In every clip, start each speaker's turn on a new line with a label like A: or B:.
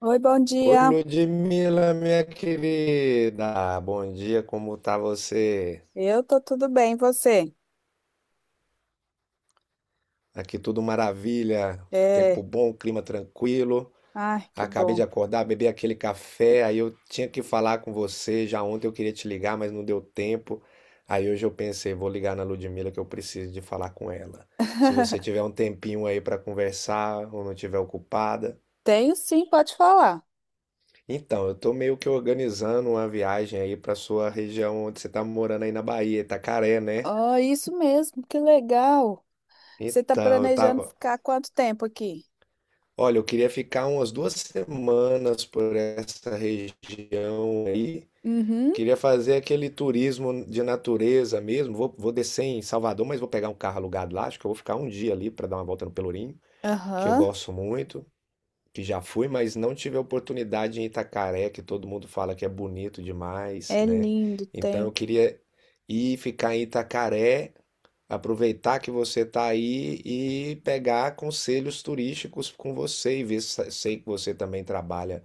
A: Oi, bom
B: Oi,
A: dia.
B: Ludmila, minha querida. Bom dia, como tá você?
A: Eu tô tudo bem, e você?
B: Aqui tudo maravilha, tempo
A: É,
B: bom, clima tranquilo.
A: ai, que
B: Acabei de
A: bom.
B: acordar, bebi aquele café, aí eu tinha que falar com você. Já ontem eu queria te ligar, mas não deu tempo. Aí hoje eu pensei, vou ligar na Ludmila que eu preciso de falar com ela. Se você tiver um tempinho aí para conversar ou não tiver ocupada.
A: Tenho sim, pode falar.
B: Então, eu tô meio que organizando uma viagem aí para sua região onde você tá morando aí na Bahia, Itacaré, né?
A: Oh, isso mesmo, que legal. Você tá
B: Então, eu
A: planejando
B: tava.
A: ficar quanto tempo aqui?
B: Olha, eu queria ficar umas 2 semanas por essa região aí.
A: Uhum,
B: Queria fazer aquele turismo de natureza mesmo. Vou descer em Salvador, mas vou pegar um carro alugado lá. Acho que eu vou ficar um dia ali para dar uma volta no Pelourinho, que eu
A: aham.
B: gosto muito, que já fui, mas não tive a oportunidade em Itacaré, que todo mundo fala que é bonito demais,
A: É
B: né?
A: lindo,
B: Então
A: tem.
B: eu queria ir ficar em Itacaré. Aproveitar que você está aí e pegar conselhos turísticos com você e ver, sei que você também trabalha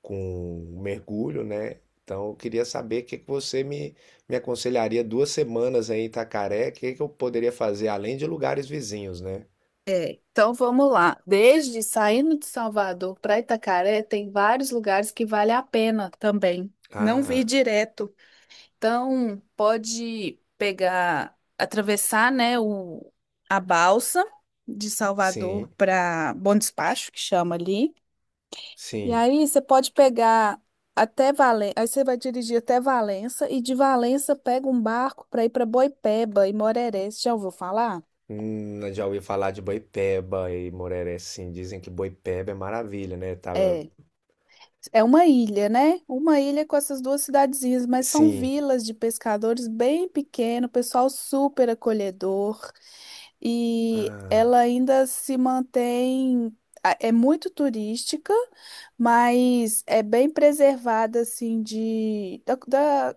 B: com mergulho, né? Então, eu queria saber o que que você me aconselharia 2 semanas aí em Itacaré, o que que eu poderia fazer além de lugares vizinhos, né?
A: Então vamos lá. Desde saindo de Salvador para Itacaré, tem vários lugares que vale a pena também. Não vir
B: Ah,
A: direto. Então, pode pegar, atravessar, né, a balsa de Salvador
B: sim,
A: para Bom Despacho, que chama ali. E
B: sim.
A: aí você pode pegar até Valença, aí você vai dirigir até Valença e de Valença pega um barco para ir para Boipeba e Moreré. Você já ouviu falar?
B: Já ouvi falar de Boipeba e Moreré, sim. Dizem que Boipeba é maravilha, né? Tava.
A: É, é uma ilha, né? Uma ilha com essas duas cidadezinhas, mas são
B: Sim.
A: vilas de pescadores bem pequeno, pessoal super acolhedor. E ela
B: Ah,
A: ainda se mantém. É muito turística, mas é bem preservada, assim,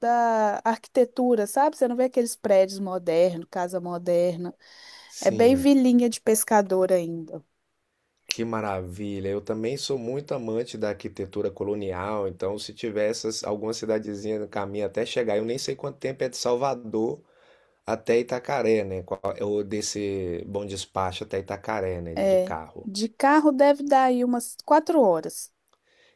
A: da arquitetura, sabe? Você não vê aqueles prédios modernos, casa moderna. É bem
B: sim.
A: vilinha de pescador ainda.
B: Que maravilha! Eu também sou muito amante da arquitetura colonial, então se tiver essas, alguma cidadezinha no caminho até chegar, eu nem sei quanto tempo é de Salvador até Itacaré, né? Qual- Ou desse Bom Despacho até Itacaré, né? De
A: É.
B: carro.
A: De carro deve dar aí umas 4 horas.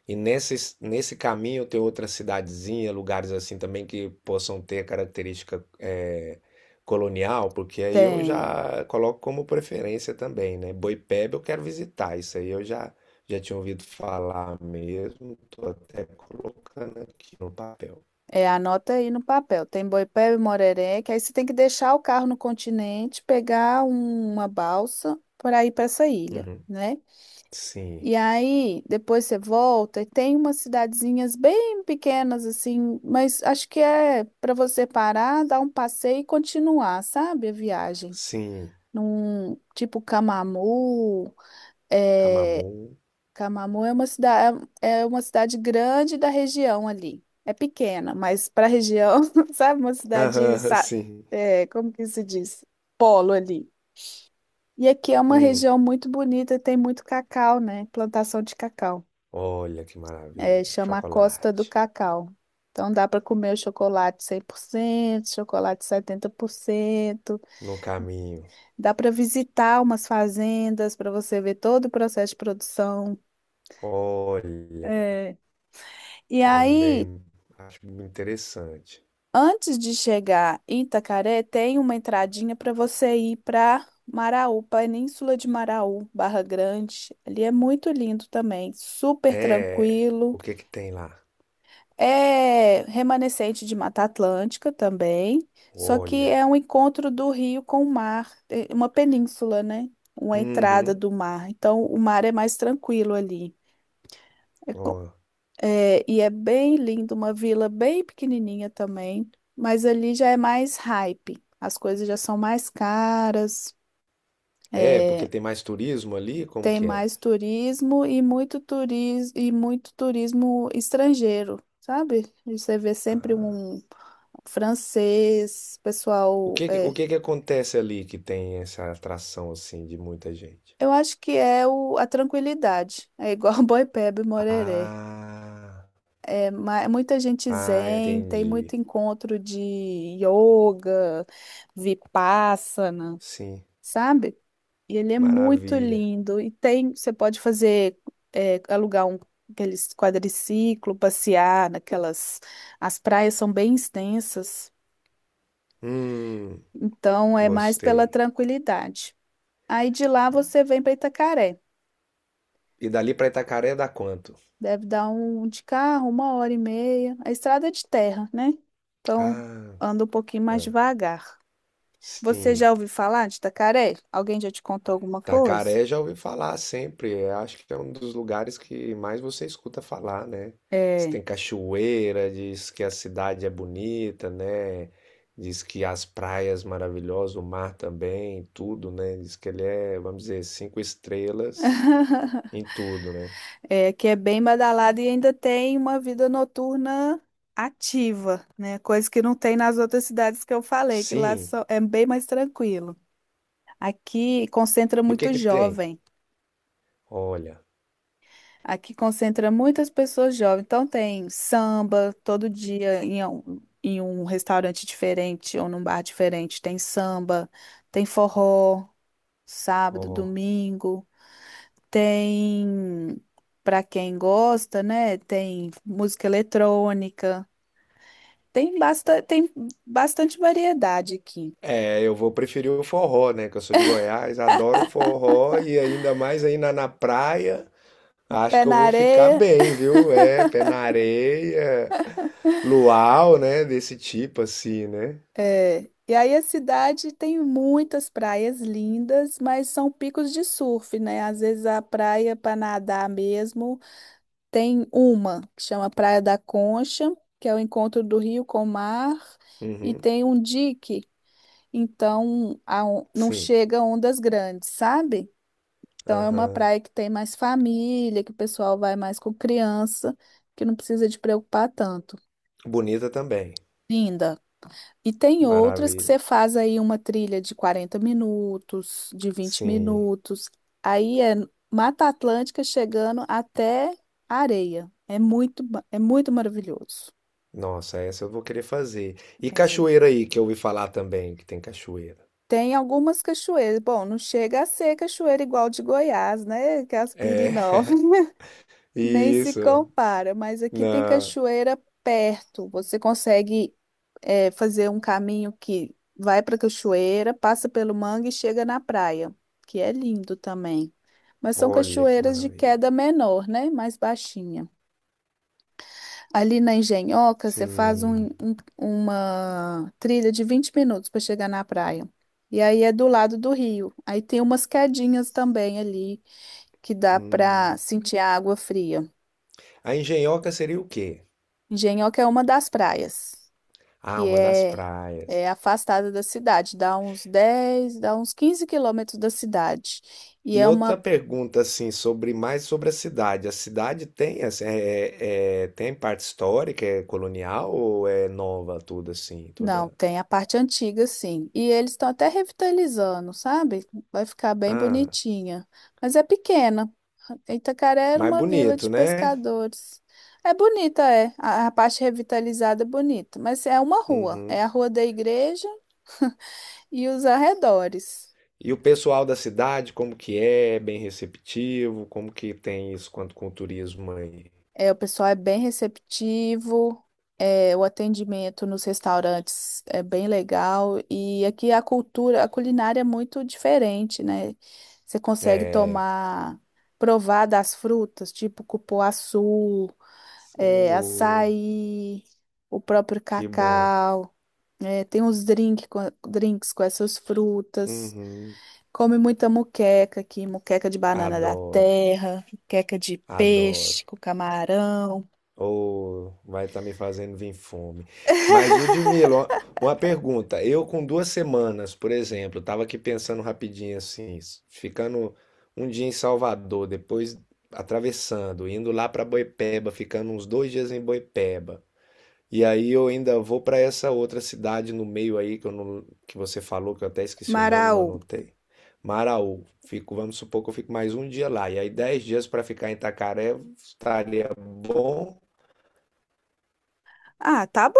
B: E nesse caminho tem outra cidadezinha, lugares assim também que possam ter característica colonial, porque aí eu
A: Tem.
B: já coloco como preferência também, né? Boipeba eu quero visitar, isso aí eu já tinha ouvido falar mesmo, tô até colocando aqui no papel.
A: É, anota aí no papel. Tem Boipeba e Moreré, que aí você tem que deixar o carro no continente, pegar uma balsa para ir para essa ilha,
B: Uhum.
A: né?
B: Sim,
A: E aí depois você volta e tem umas cidadezinhas bem pequenas assim, mas acho que é para você parar, dar um passeio e continuar, sabe, a viagem.
B: sim,
A: Num tipo é,
B: Camamu.
A: Camamu é uma cidade, é uma cidade grande da região ali. É pequena, mas para a região, sabe, uma cidade,
B: Aham, sim.
A: é, como que se diz? Polo ali. E aqui é uma
B: Hum.
A: região muito bonita, tem muito cacau, né? Plantação de cacau.
B: Olha que
A: É,
B: maravilha,
A: chama a Costa do
B: chocolate
A: Cacau. Então dá para comer o chocolate 100%, chocolate 70%.
B: no caminho.
A: Dá para visitar umas fazendas para você ver todo o processo de produção.
B: Olha.
A: É. E aí
B: Também acho interessante.
A: Antes de chegar em Itacaré, tem uma entradinha para você ir para Maraú, Península de Maraú, Barra Grande. Ali é muito lindo também, super
B: É,
A: tranquilo.
B: o que que tem lá?
A: É remanescente de Mata Atlântica também, só que
B: Olha.
A: é um encontro do rio com o mar, é uma península, né? Uma entrada
B: Uhum.
A: do mar. Então, o mar é mais tranquilo ali.
B: Ó.
A: É, e é bem lindo, uma vila bem pequenininha também, mas ali já é mais hype, as coisas já são mais caras,
B: É, porque
A: é,
B: tem mais turismo ali? Como
A: tem
B: que é?
A: mais turismo e muito turismo e muito turismo estrangeiro, sabe? E você vê sempre um francês,
B: O
A: pessoal,
B: que que, o
A: é,
B: que que acontece ali que tem essa atração assim de muita gente?
A: eu acho que é a tranquilidade, é igual Boipeba e Morerê.
B: Ah,
A: Muita gente
B: ah,
A: zen, tem muito
B: entendi.
A: encontro de yoga, vipassana,
B: Sim,
A: sabe? E ele é muito
B: maravilha.
A: lindo. E tem, você pode fazer, é, alugar um aqueles quadriciclo, passear naquelas. As praias são bem extensas,
B: Hum,
A: então é mais pela
B: gostei.
A: tranquilidade. Aí de lá você vem para Itacaré.
B: E dali pra Itacaré dá quanto?
A: Deve dar um de carro, uma hora e meia. A estrada é de terra, né? Então
B: Ah,
A: anda um pouquinho mais devagar. Você
B: sim.
A: já ouviu falar de Tacaré? Alguém já te contou alguma coisa?
B: Tacaré já ouvi falar sempre. Eu acho que é um dos lugares que mais você escuta falar, né? Você tem
A: É.
B: cachoeira, diz que a cidade é bonita, né? Diz que as praias maravilhosas, o mar também, tudo, né? Diz que ele é, vamos dizer, cinco estrelas em tudo, né?
A: É, que é bem badalado e ainda tem uma vida noturna ativa, né? Coisa que não tem nas outras cidades que eu falei, que
B: Sim.
A: é bem mais tranquilo. Aqui concentra
B: E o que
A: muito
B: que tem?
A: jovem.
B: Olha,
A: Aqui concentra muitas pessoas jovens. Então tem samba todo dia em um restaurante diferente ou num bar diferente. Tem samba, tem forró, sábado,
B: ó.
A: domingo. Tem, para quem gosta, né? Tem música eletrônica. Tem bastante variedade aqui.
B: É, eu vou preferir o forró, né? Que eu sou de Goiás, adoro o forró e ainda mais aí na praia. Acho
A: Pé
B: que eu
A: na
B: vou ficar
A: areia.
B: bem, viu? É, pé na areia, luau, né? Desse tipo assim, né?
A: É. E aí a cidade tem muitas praias lindas, mas são picos de surf, né? Às vezes a praia para nadar mesmo tem uma que chama Praia da Concha, que é o encontro do rio com o mar, e
B: Uhum,
A: tem um dique, então não
B: sim.
A: chega ondas grandes, sabe? Então é uma
B: Aham.
A: praia que tem mais família, que o pessoal vai mais com criança, que não precisa de preocupar tanto.
B: Bonita também.
A: Linda. E tem outras que você
B: Maravilha.
A: faz aí uma trilha de 40 minutos, de vinte
B: Sim.
A: minutos. Aí é Mata Atlântica chegando até areia. É muito maravilhoso.
B: Nossa, essa eu vou querer fazer. E
A: É.
B: cachoeira aí, que eu ouvi falar também que tem cachoeira.
A: Tem algumas cachoeiras. Bom, não chega a ser cachoeira igual de Goiás, né? Que é as
B: É,
A: Pirinópolis. Nem se
B: isso.
A: compara, mas aqui
B: Na.
A: tem cachoeira perto. Você consegue fazer um caminho que vai para a cachoeira, passa pelo mangue e chega na praia, que é lindo também. Mas são
B: Olha que
A: cachoeiras de
B: maravilha.
A: queda menor, né? Mais baixinha. Ali na Engenhoca, você faz
B: Sim.
A: uma trilha de 20 minutos para chegar na praia. E aí é do lado do rio. Aí tem umas quedinhas também ali que dá para
B: Hum.
A: sentir a água fria.
B: A Engenhoca seria o quê?
A: Engenhoca é uma das praias,
B: Ah,
A: que
B: uma das
A: é,
B: praias.
A: é afastada da cidade, dá uns 10, dá uns 15 km da cidade. E
B: E
A: é
B: outra
A: uma.
B: pergunta, assim, sobre mais sobre a cidade. A cidade tem, assim, tem parte histórica, é colonial ou é nova tudo assim,
A: Não,
B: toda?
A: tem a parte antiga, sim. E eles estão até revitalizando, sabe? Vai ficar bem
B: Ah,
A: bonitinha. Mas é pequena. Itacaré era
B: mais
A: uma vila de
B: bonito, né?
A: pescadores. É bonita, é. A parte revitalizada é bonita, mas é uma rua. É
B: Uhum.
A: a rua da igreja e os arredores.
B: E o pessoal da cidade, como que é? É bem receptivo? Como que tem isso quanto com o turismo aí?
A: É, o pessoal é bem receptivo, é, o atendimento nos restaurantes é bem legal e aqui a cultura, a culinária é muito diferente, né? Você consegue tomar, provar das frutas, tipo cupuaçu, é,
B: Oh,
A: açaí, o próprio
B: que bom.
A: cacau, é, tem drinks com essas frutas.
B: Uhum.
A: Come muita muqueca aqui, muqueca de banana da
B: Adoro,
A: terra, muqueca de
B: adoro.
A: peixe com camarão.
B: Ou vai estar me fazendo vir fome. Mas, Ludmila, uma pergunta. Eu, com 2 semanas, por exemplo, estava aqui pensando rapidinho assim, ficando um dia em Salvador, depois atravessando, indo lá para Boipeba, ficando uns 2 dias em Boipeba. E aí eu ainda vou para essa outra cidade no meio aí, que, eu não, que você falou, que eu até esqueci o nome, não
A: Maraú.
B: anotei. Maraú. Fico, vamos supor que eu fico mais um dia lá. E aí, 10 dias para ficar em Itacaré estaria bom.
A: Ah, tá bom.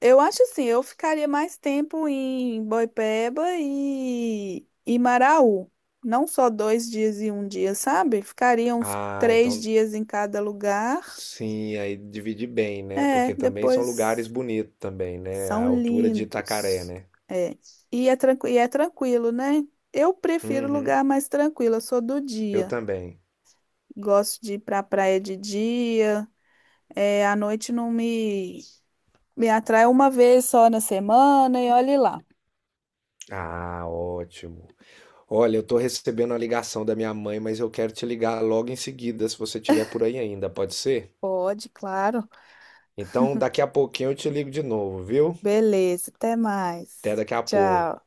A: Eu acho assim, eu ficaria mais tempo em Boipeba e Maraú. Não só dois dias e um dia, sabe? Ficaria uns
B: Ah,
A: três
B: então
A: dias em cada lugar.
B: sim, aí divide bem, né?
A: É,
B: Porque também são lugares
A: depois
B: bonitos também, né? A
A: são
B: altura de Itacaré,
A: lindos.
B: né?
A: É. E é tranquilo, né? Eu prefiro
B: Uhum,
A: lugar mais tranquilo, eu sou do
B: eu
A: dia.
B: também.
A: Gosto de ir pra praia de dia. É, à noite não me, me atrai uma vez só na semana e olhe lá.
B: Ah, ótimo. Olha, eu tô recebendo a ligação da minha mãe, mas eu quero te ligar logo em seguida, se você estiver por aí ainda, pode ser?
A: Pode, claro.
B: Então, daqui a pouquinho eu te ligo de novo, viu?
A: Beleza, até
B: Até
A: mais.
B: daqui a
A: Tchau.
B: pouco.